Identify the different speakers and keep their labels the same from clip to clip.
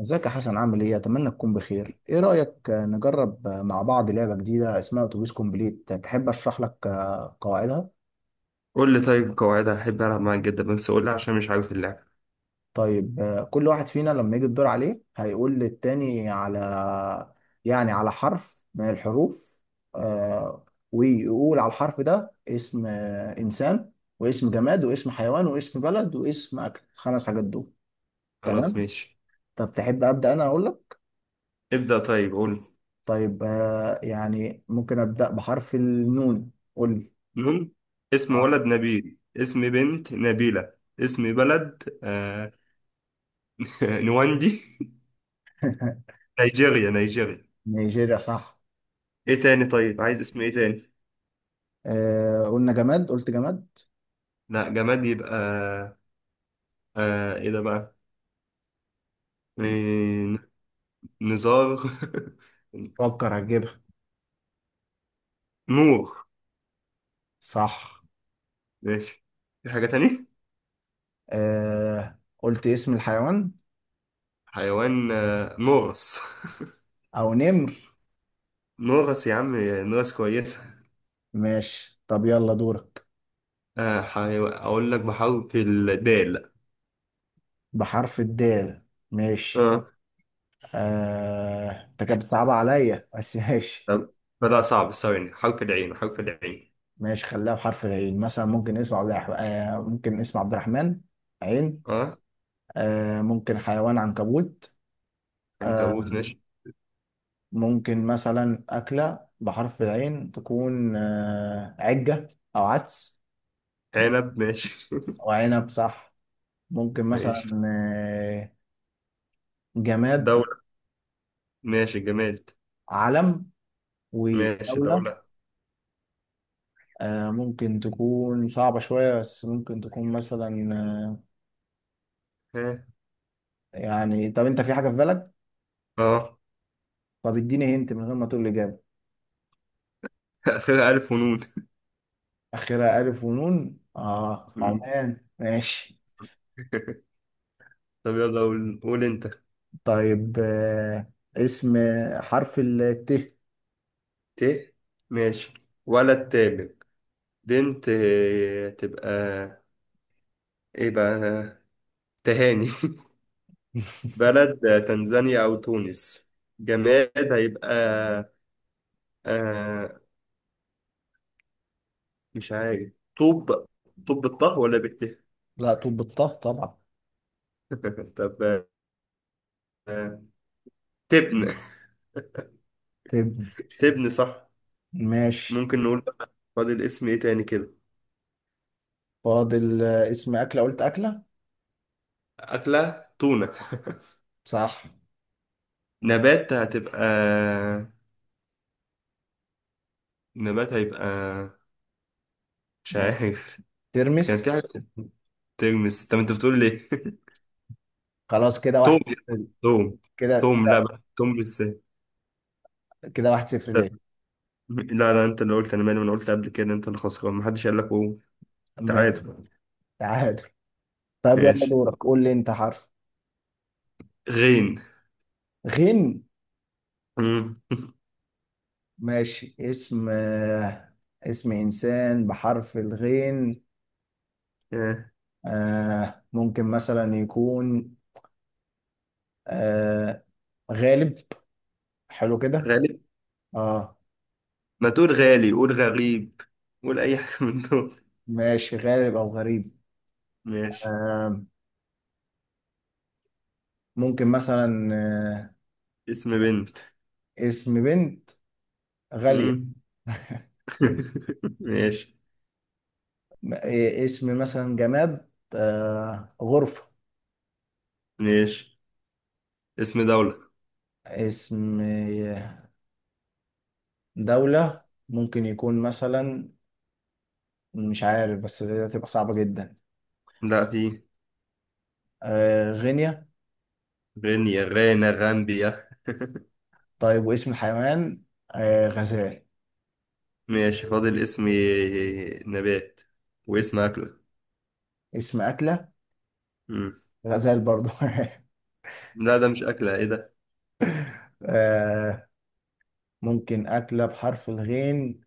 Speaker 1: ازيك يا حسن، عامل ايه؟ اتمنى تكون بخير. ايه رأيك نجرب مع بعض لعبة جديدة اسمها اتوبيس كومبليت. تحب اشرح لك قواعدها؟
Speaker 2: قول لي. طيب قواعدها هحب ألعب معاك جدا، بس قول لي عشان مش عارف اللعبة.
Speaker 1: طيب كل واحد فينا لما يجي الدور عليه هيقول للتاني على، يعني على حرف من الحروف، آه، ويقول على الحرف ده اسم انسان، واسم جماد، واسم حيوان، واسم بلد، واسم اكل. خمس حاجات دول.
Speaker 2: خلاص
Speaker 1: تمام؟
Speaker 2: ماشي.
Speaker 1: طب تحب ابدأ انا اقول لك؟
Speaker 2: ابدأ، طيب قول.
Speaker 1: طيب يعني ممكن ابدأ بحرف النون. قول لي.
Speaker 2: نون. اسم
Speaker 1: اه.
Speaker 2: ولد نبيل، اسم بنت نبيلة، اسم بلد نواندي. نيجيريا نيجيريا.
Speaker 1: نيجيريا صح.
Speaker 2: ايه تاني؟ طيب عايز اسم ايه تاني؟
Speaker 1: آه، قلنا جماد، قلت جماد.
Speaker 2: لا، جماد يبقى ايه ده بقى؟ إيه... نزار.
Speaker 1: فكر هتجيبها.
Speaker 2: نور.
Speaker 1: صح.
Speaker 2: ماشي. في حاجة تانية؟
Speaker 1: آه، قلت اسم الحيوان.
Speaker 2: حيوان نورس.
Speaker 1: او نمر.
Speaker 2: نورس يا عم. نورس كويس.
Speaker 1: ماشي، طب يلا دورك.
Speaker 2: أقول لك بحرف الدال.
Speaker 1: بحرف الدال ماشي.
Speaker 2: آه.
Speaker 1: انت كانت بتصعب عليا بس ماشي.
Speaker 2: تمام. فلا صعب. ثواني، حرف العين حرف العين.
Speaker 1: ماشي، خليها بحرف العين. مثلا ممكن اسم عبد الرحمن. عين.
Speaker 2: آه
Speaker 1: ممكن حيوان عنكبوت.
Speaker 2: عنكبوت
Speaker 1: آه...
Speaker 2: ماشي.
Speaker 1: ممكن مثلا أكلة بحرف العين تكون عجة، أو عدس. ممكن-
Speaker 2: عنب ماشي.
Speaker 1: أو عنب صح. ممكن مثلا
Speaker 2: ماشي.
Speaker 1: جماد،
Speaker 2: دولة. ماشي جماد.
Speaker 1: علم
Speaker 2: ماشي
Speaker 1: ودولة.
Speaker 2: دولة.
Speaker 1: ممكن تكون صعبة شوية بس ممكن تكون مثلا آه،
Speaker 2: ها.
Speaker 1: يعني. طب أنت في حاجة في بالك؟
Speaker 2: آه.
Speaker 1: طب اديني هنت من غير ما تقول لي إجابة.
Speaker 2: آخرها ألف ونون.
Speaker 1: آخرها ألف ونون. آه، عمان ماشي.
Speaker 2: طب يلا قول قول أنت.
Speaker 1: طيب اسم حرف الت.
Speaker 2: ت. ماشي. ولد تامر. بنت تبقى إيه بقى؟ تهاني. بلد تنزانيا أو تونس. جماد هيبقى آه، مش عارف. طوب. طوب بالطه ولا بالت؟
Speaker 1: لا، طول بالطه طبعا.
Speaker 2: طب آه، تبن.
Speaker 1: طب
Speaker 2: تبن صح.
Speaker 1: ماشي.
Speaker 2: ممكن نقول بقى فاضل اسم ايه تاني كده؟
Speaker 1: فاضل اسم أكلة، قلت أكلة.
Speaker 2: أكلة تونة.
Speaker 1: صح.
Speaker 2: نبات هتبقى. نبات هيبقى. مش
Speaker 1: لا.
Speaker 2: عارف. كان
Speaker 1: ترمس.
Speaker 2: في حاجة. ترمس. طب انت بتقول ليه؟
Speaker 1: خلاص كده
Speaker 2: توم.
Speaker 1: واحد صفر.
Speaker 2: توم.
Speaker 1: كده.
Speaker 2: توم، لا، بقى توم بالسين.
Speaker 1: كده واحد صفر
Speaker 2: طب،
Speaker 1: ليه.
Speaker 2: لا لا، انت اللي قلت، انا مالي، ما انا قلت قبل كده انت اللي خسران، محدش قال لك قوم.
Speaker 1: ماشي.
Speaker 2: تعادل.
Speaker 1: تعادل. طب يلا
Speaker 2: ماشي.
Speaker 1: دورك، قول لي أنت حرف.
Speaker 2: غين.
Speaker 1: غين
Speaker 2: مم.
Speaker 1: ماشي. اسم اسم إنسان بحرف الغين.
Speaker 2: آه.
Speaker 1: ممكن مثلا يكون آه غالب. حلو كده.
Speaker 2: غالب.
Speaker 1: اه.
Speaker 2: ما تقول غالي، قول غريب. قول أي حاجة من دول.
Speaker 1: ماشي، غالب أو غريب.
Speaker 2: ماشي.
Speaker 1: آه ممكن مثلا
Speaker 2: اسم بنت.
Speaker 1: اسم بنت غالية.
Speaker 2: مم. ماشي.
Speaker 1: إيه اسم مثلا جماد؟ غرفة.
Speaker 2: ماشي. اسم دولة.
Speaker 1: اسم دولة ممكن يكون مثلا، مش عارف بس دي هتبقى صعبة جدا.
Speaker 2: لا، في.
Speaker 1: غينيا.
Speaker 2: غينيا، غانا، غامبيا.
Speaker 1: طيب واسم الحيوان؟ غزال.
Speaker 2: ماشي. فاضل اسم نبات
Speaker 1: اس-
Speaker 2: واسم أكلة.
Speaker 1: اسم أكلة.
Speaker 2: مم.
Speaker 1: غزال برضو.
Speaker 2: لا ده مش أكلة، إيه ده؟
Speaker 1: آه ممكن أكلة بحرف الغين.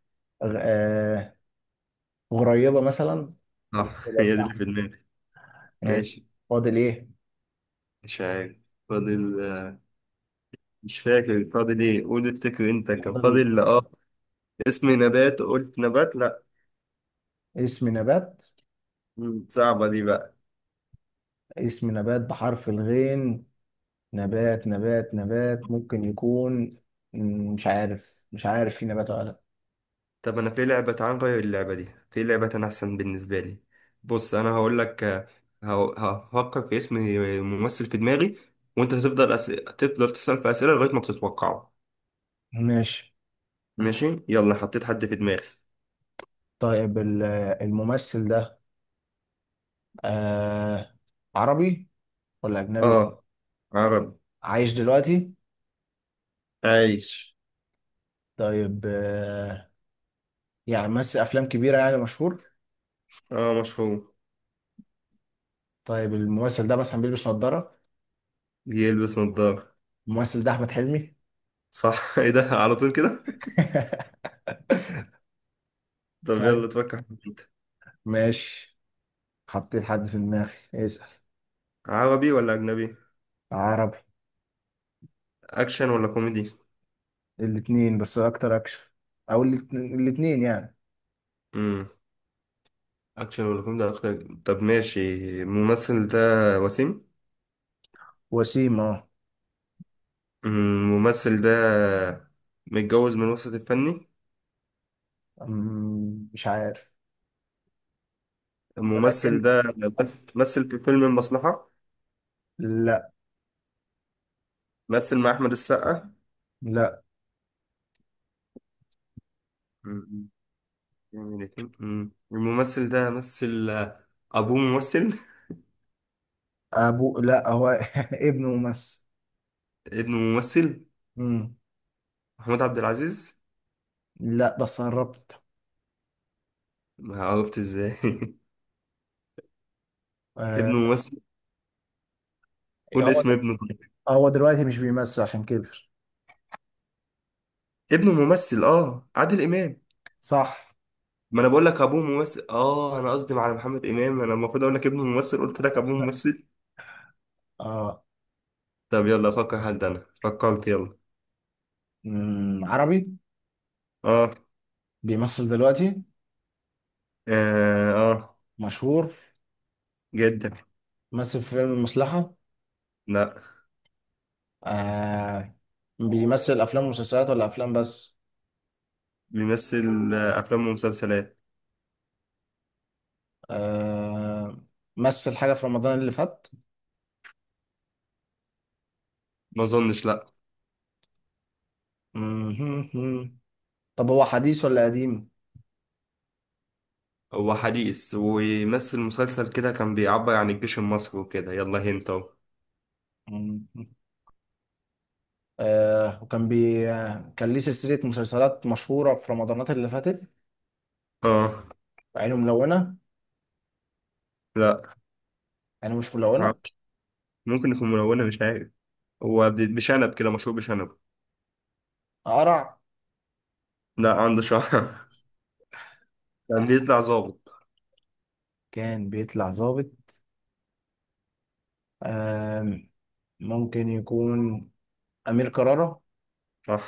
Speaker 1: غ- آه غريبة مثلا.
Speaker 2: آه. هي دي اللي في دماغي.
Speaker 1: آه،
Speaker 2: ماشي.
Speaker 1: فاضل إيه؟
Speaker 2: مش عارف. فاضل مش فاكر فاضل إيه، قول افتكر أنت كان
Speaker 1: فاضل
Speaker 2: فاضل آه. اسم نبات، قلت نبات لا.
Speaker 1: اسم نبات.
Speaker 2: مم. صعبة دي بقى.
Speaker 1: اسم نبات بحرف الغين. نبات ممكن يكون. مش عارف، مش عارف في نبات ولا لا.
Speaker 2: طب انا في لعبة، تعال نغير اللعبة دي، في لعبة انا احسن بالنسبة لي. بص انا هقول لك هفكر في اسم ممثل في دماغي، وانت هتفضل تفضل تسأل في اسئلة لغاية ما بتتوقعه.
Speaker 1: ماشي.
Speaker 2: ماشي، يلا حطيت حد في دماغي.
Speaker 1: طيب الممثل ده آه عربي ولا أجنبي؟
Speaker 2: اه، عربي.
Speaker 1: عايش دلوقتي.
Speaker 2: عايش.
Speaker 1: طيب يعني مثل أفلام كبيرة، يعني مشهور.
Speaker 2: اه، مشهور.
Speaker 1: طيب الممثل ده مثلا بيلبس نظارة.
Speaker 2: بيلبس نظارة.
Speaker 1: الممثل ده أحمد حلمي.
Speaker 2: صح. ايه ده على طول كده؟ طب
Speaker 1: طيب
Speaker 2: يلا تفكر في انت.
Speaker 1: ماشي. حطيت حد في دماغي، اسأل.
Speaker 2: عربي ولا اجنبي؟
Speaker 1: عربي.
Speaker 2: اكشن ولا كوميدي؟
Speaker 1: الاتنين بس اكتر اكشن. او الاتنين يعني.
Speaker 2: امم اكشن ولا كوميدي أكتر. طب ماشي. الممثل ده وسيم؟
Speaker 1: وسيم اه.
Speaker 2: الممثل ده متجوز من وسط الفني؟
Speaker 1: مش عارف. ولكن.
Speaker 2: الممثل ده مثل في فيلم المصلحة؟
Speaker 1: لا،
Speaker 2: مثل مع أحمد السقا؟
Speaker 1: لا.
Speaker 2: مم. يعني الممثل ده مثل أبوه ممثل؟
Speaker 1: ابو لا، هو ابنه ممثل.
Speaker 2: ابنه ممثل.
Speaker 1: أمم،
Speaker 2: محمود عبد العزيز.
Speaker 1: لا بس قربت.
Speaker 2: ما عرفت ازاي.
Speaker 1: آه،
Speaker 2: ابنه ممثل. قول
Speaker 1: هو
Speaker 2: اسم ابنه طيب.
Speaker 1: هو دلوقتي مش بيمثل عشان كبر.
Speaker 2: ابنه ممثل، اه، عادل إمام.
Speaker 1: صح
Speaker 2: ما انا بقول لك ابوه ممثل، اه، انا قصدي على محمد امام، انا المفروض اقول لك ابنه ممثل، قلت لك ابوه ممثل.
Speaker 1: اه.
Speaker 2: طب يلا افكر حد، انا فكرت يلا.
Speaker 1: عربي.
Speaker 2: اه.
Speaker 1: بيمثل دلوقتي.
Speaker 2: آه, آه
Speaker 1: مشهور.
Speaker 2: جدا.
Speaker 1: مثل في فيلم المصلحة.
Speaker 2: لا.
Speaker 1: آه بيمثل افلام ومسلسلات ولا افلام بس؟
Speaker 2: بيمثل أفلام ومسلسلات.
Speaker 1: آه مثل حاجة في رمضان اللي فات.
Speaker 2: ما أظنش، لا.
Speaker 1: مهم. طب هو حديث ولا قديم؟
Speaker 2: هو حديث، ويمثل مسلسل كده كان بيعبر عن الجيش المصري وكده. يلا هنت أهو.
Speaker 1: مهم. آه وكان بي آه، كان ليه سلسلة مسلسلات مشهورة في رمضانات اللي فاتت.
Speaker 2: آه.
Speaker 1: عينه ملونة؟
Speaker 2: لا.
Speaker 1: عينه مش ملونة.
Speaker 2: معرفش. ممكن يكون ملونة، مش عارف. هو بشنب كده، مشهور بشنب.
Speaker 1: قرع.
Speaker 2: لا، عنده شعر. كان
Speaker 1: آه،
Speaker 2: بيطلع ظابط.
Speaker 1: كان بيطلع ظابط. آه ممكن يكون أمير كرارة.
Speaker 2: صح.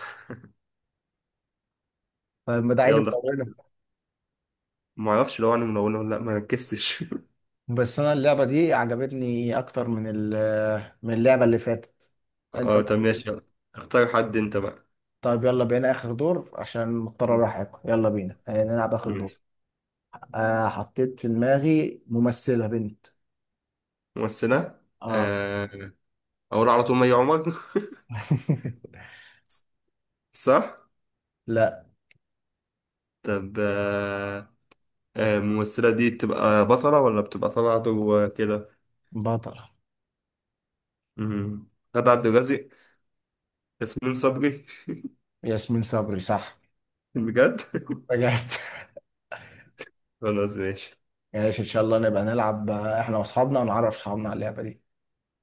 Speaker 1: طيب ما ده عينه
Speaker 2: يلا.
Speaker 1: ملونة.
Speaker 2: معرفش لو أنا ملونة ولا لأ، ما ركزتش.
Speaker 1: بس أنا اللعبة دي عجبتني أكتر من من اللعبة اللي فاتت. أنت.
Speaker 2: آه طب ماشي يلا. اختار حد أنت بقى.
Speaker 1: طيب يلا بينا آخر دور عشان مضطر أروح آكل. يلا بينا نلعب آخر دور.
Speaker 2: ماشي.
Speaker 1: حطيت في دماغي ممثلة بنت.
Speaker 2: ممثلة.
Speaker 1: اه.
Speaker 2: آه، أقول على طول مي عمر. صح؟
Speaker 1: لا،
Speaker 2: طب الممثلة دي بتبقى بطلة ولا بتبقى طالعة كده؟
Speaker 1: بطلة.
Speaker 2: مم. غادة عبد الرازق. ياسمين صبري.
Speaker 1: ياسمين صبري صح.
Speaker 2: بجد.
Speaker 1: رجعت.
Speaker 2: خلاص ماشي.
Speaker 1: ماشي ان شاء الله نبقى نلعب احنا واصحابنا، ونعرف اصحابنا على اللعبة دي.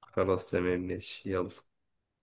Speaker 2: خلاص تمام ماشي يلا.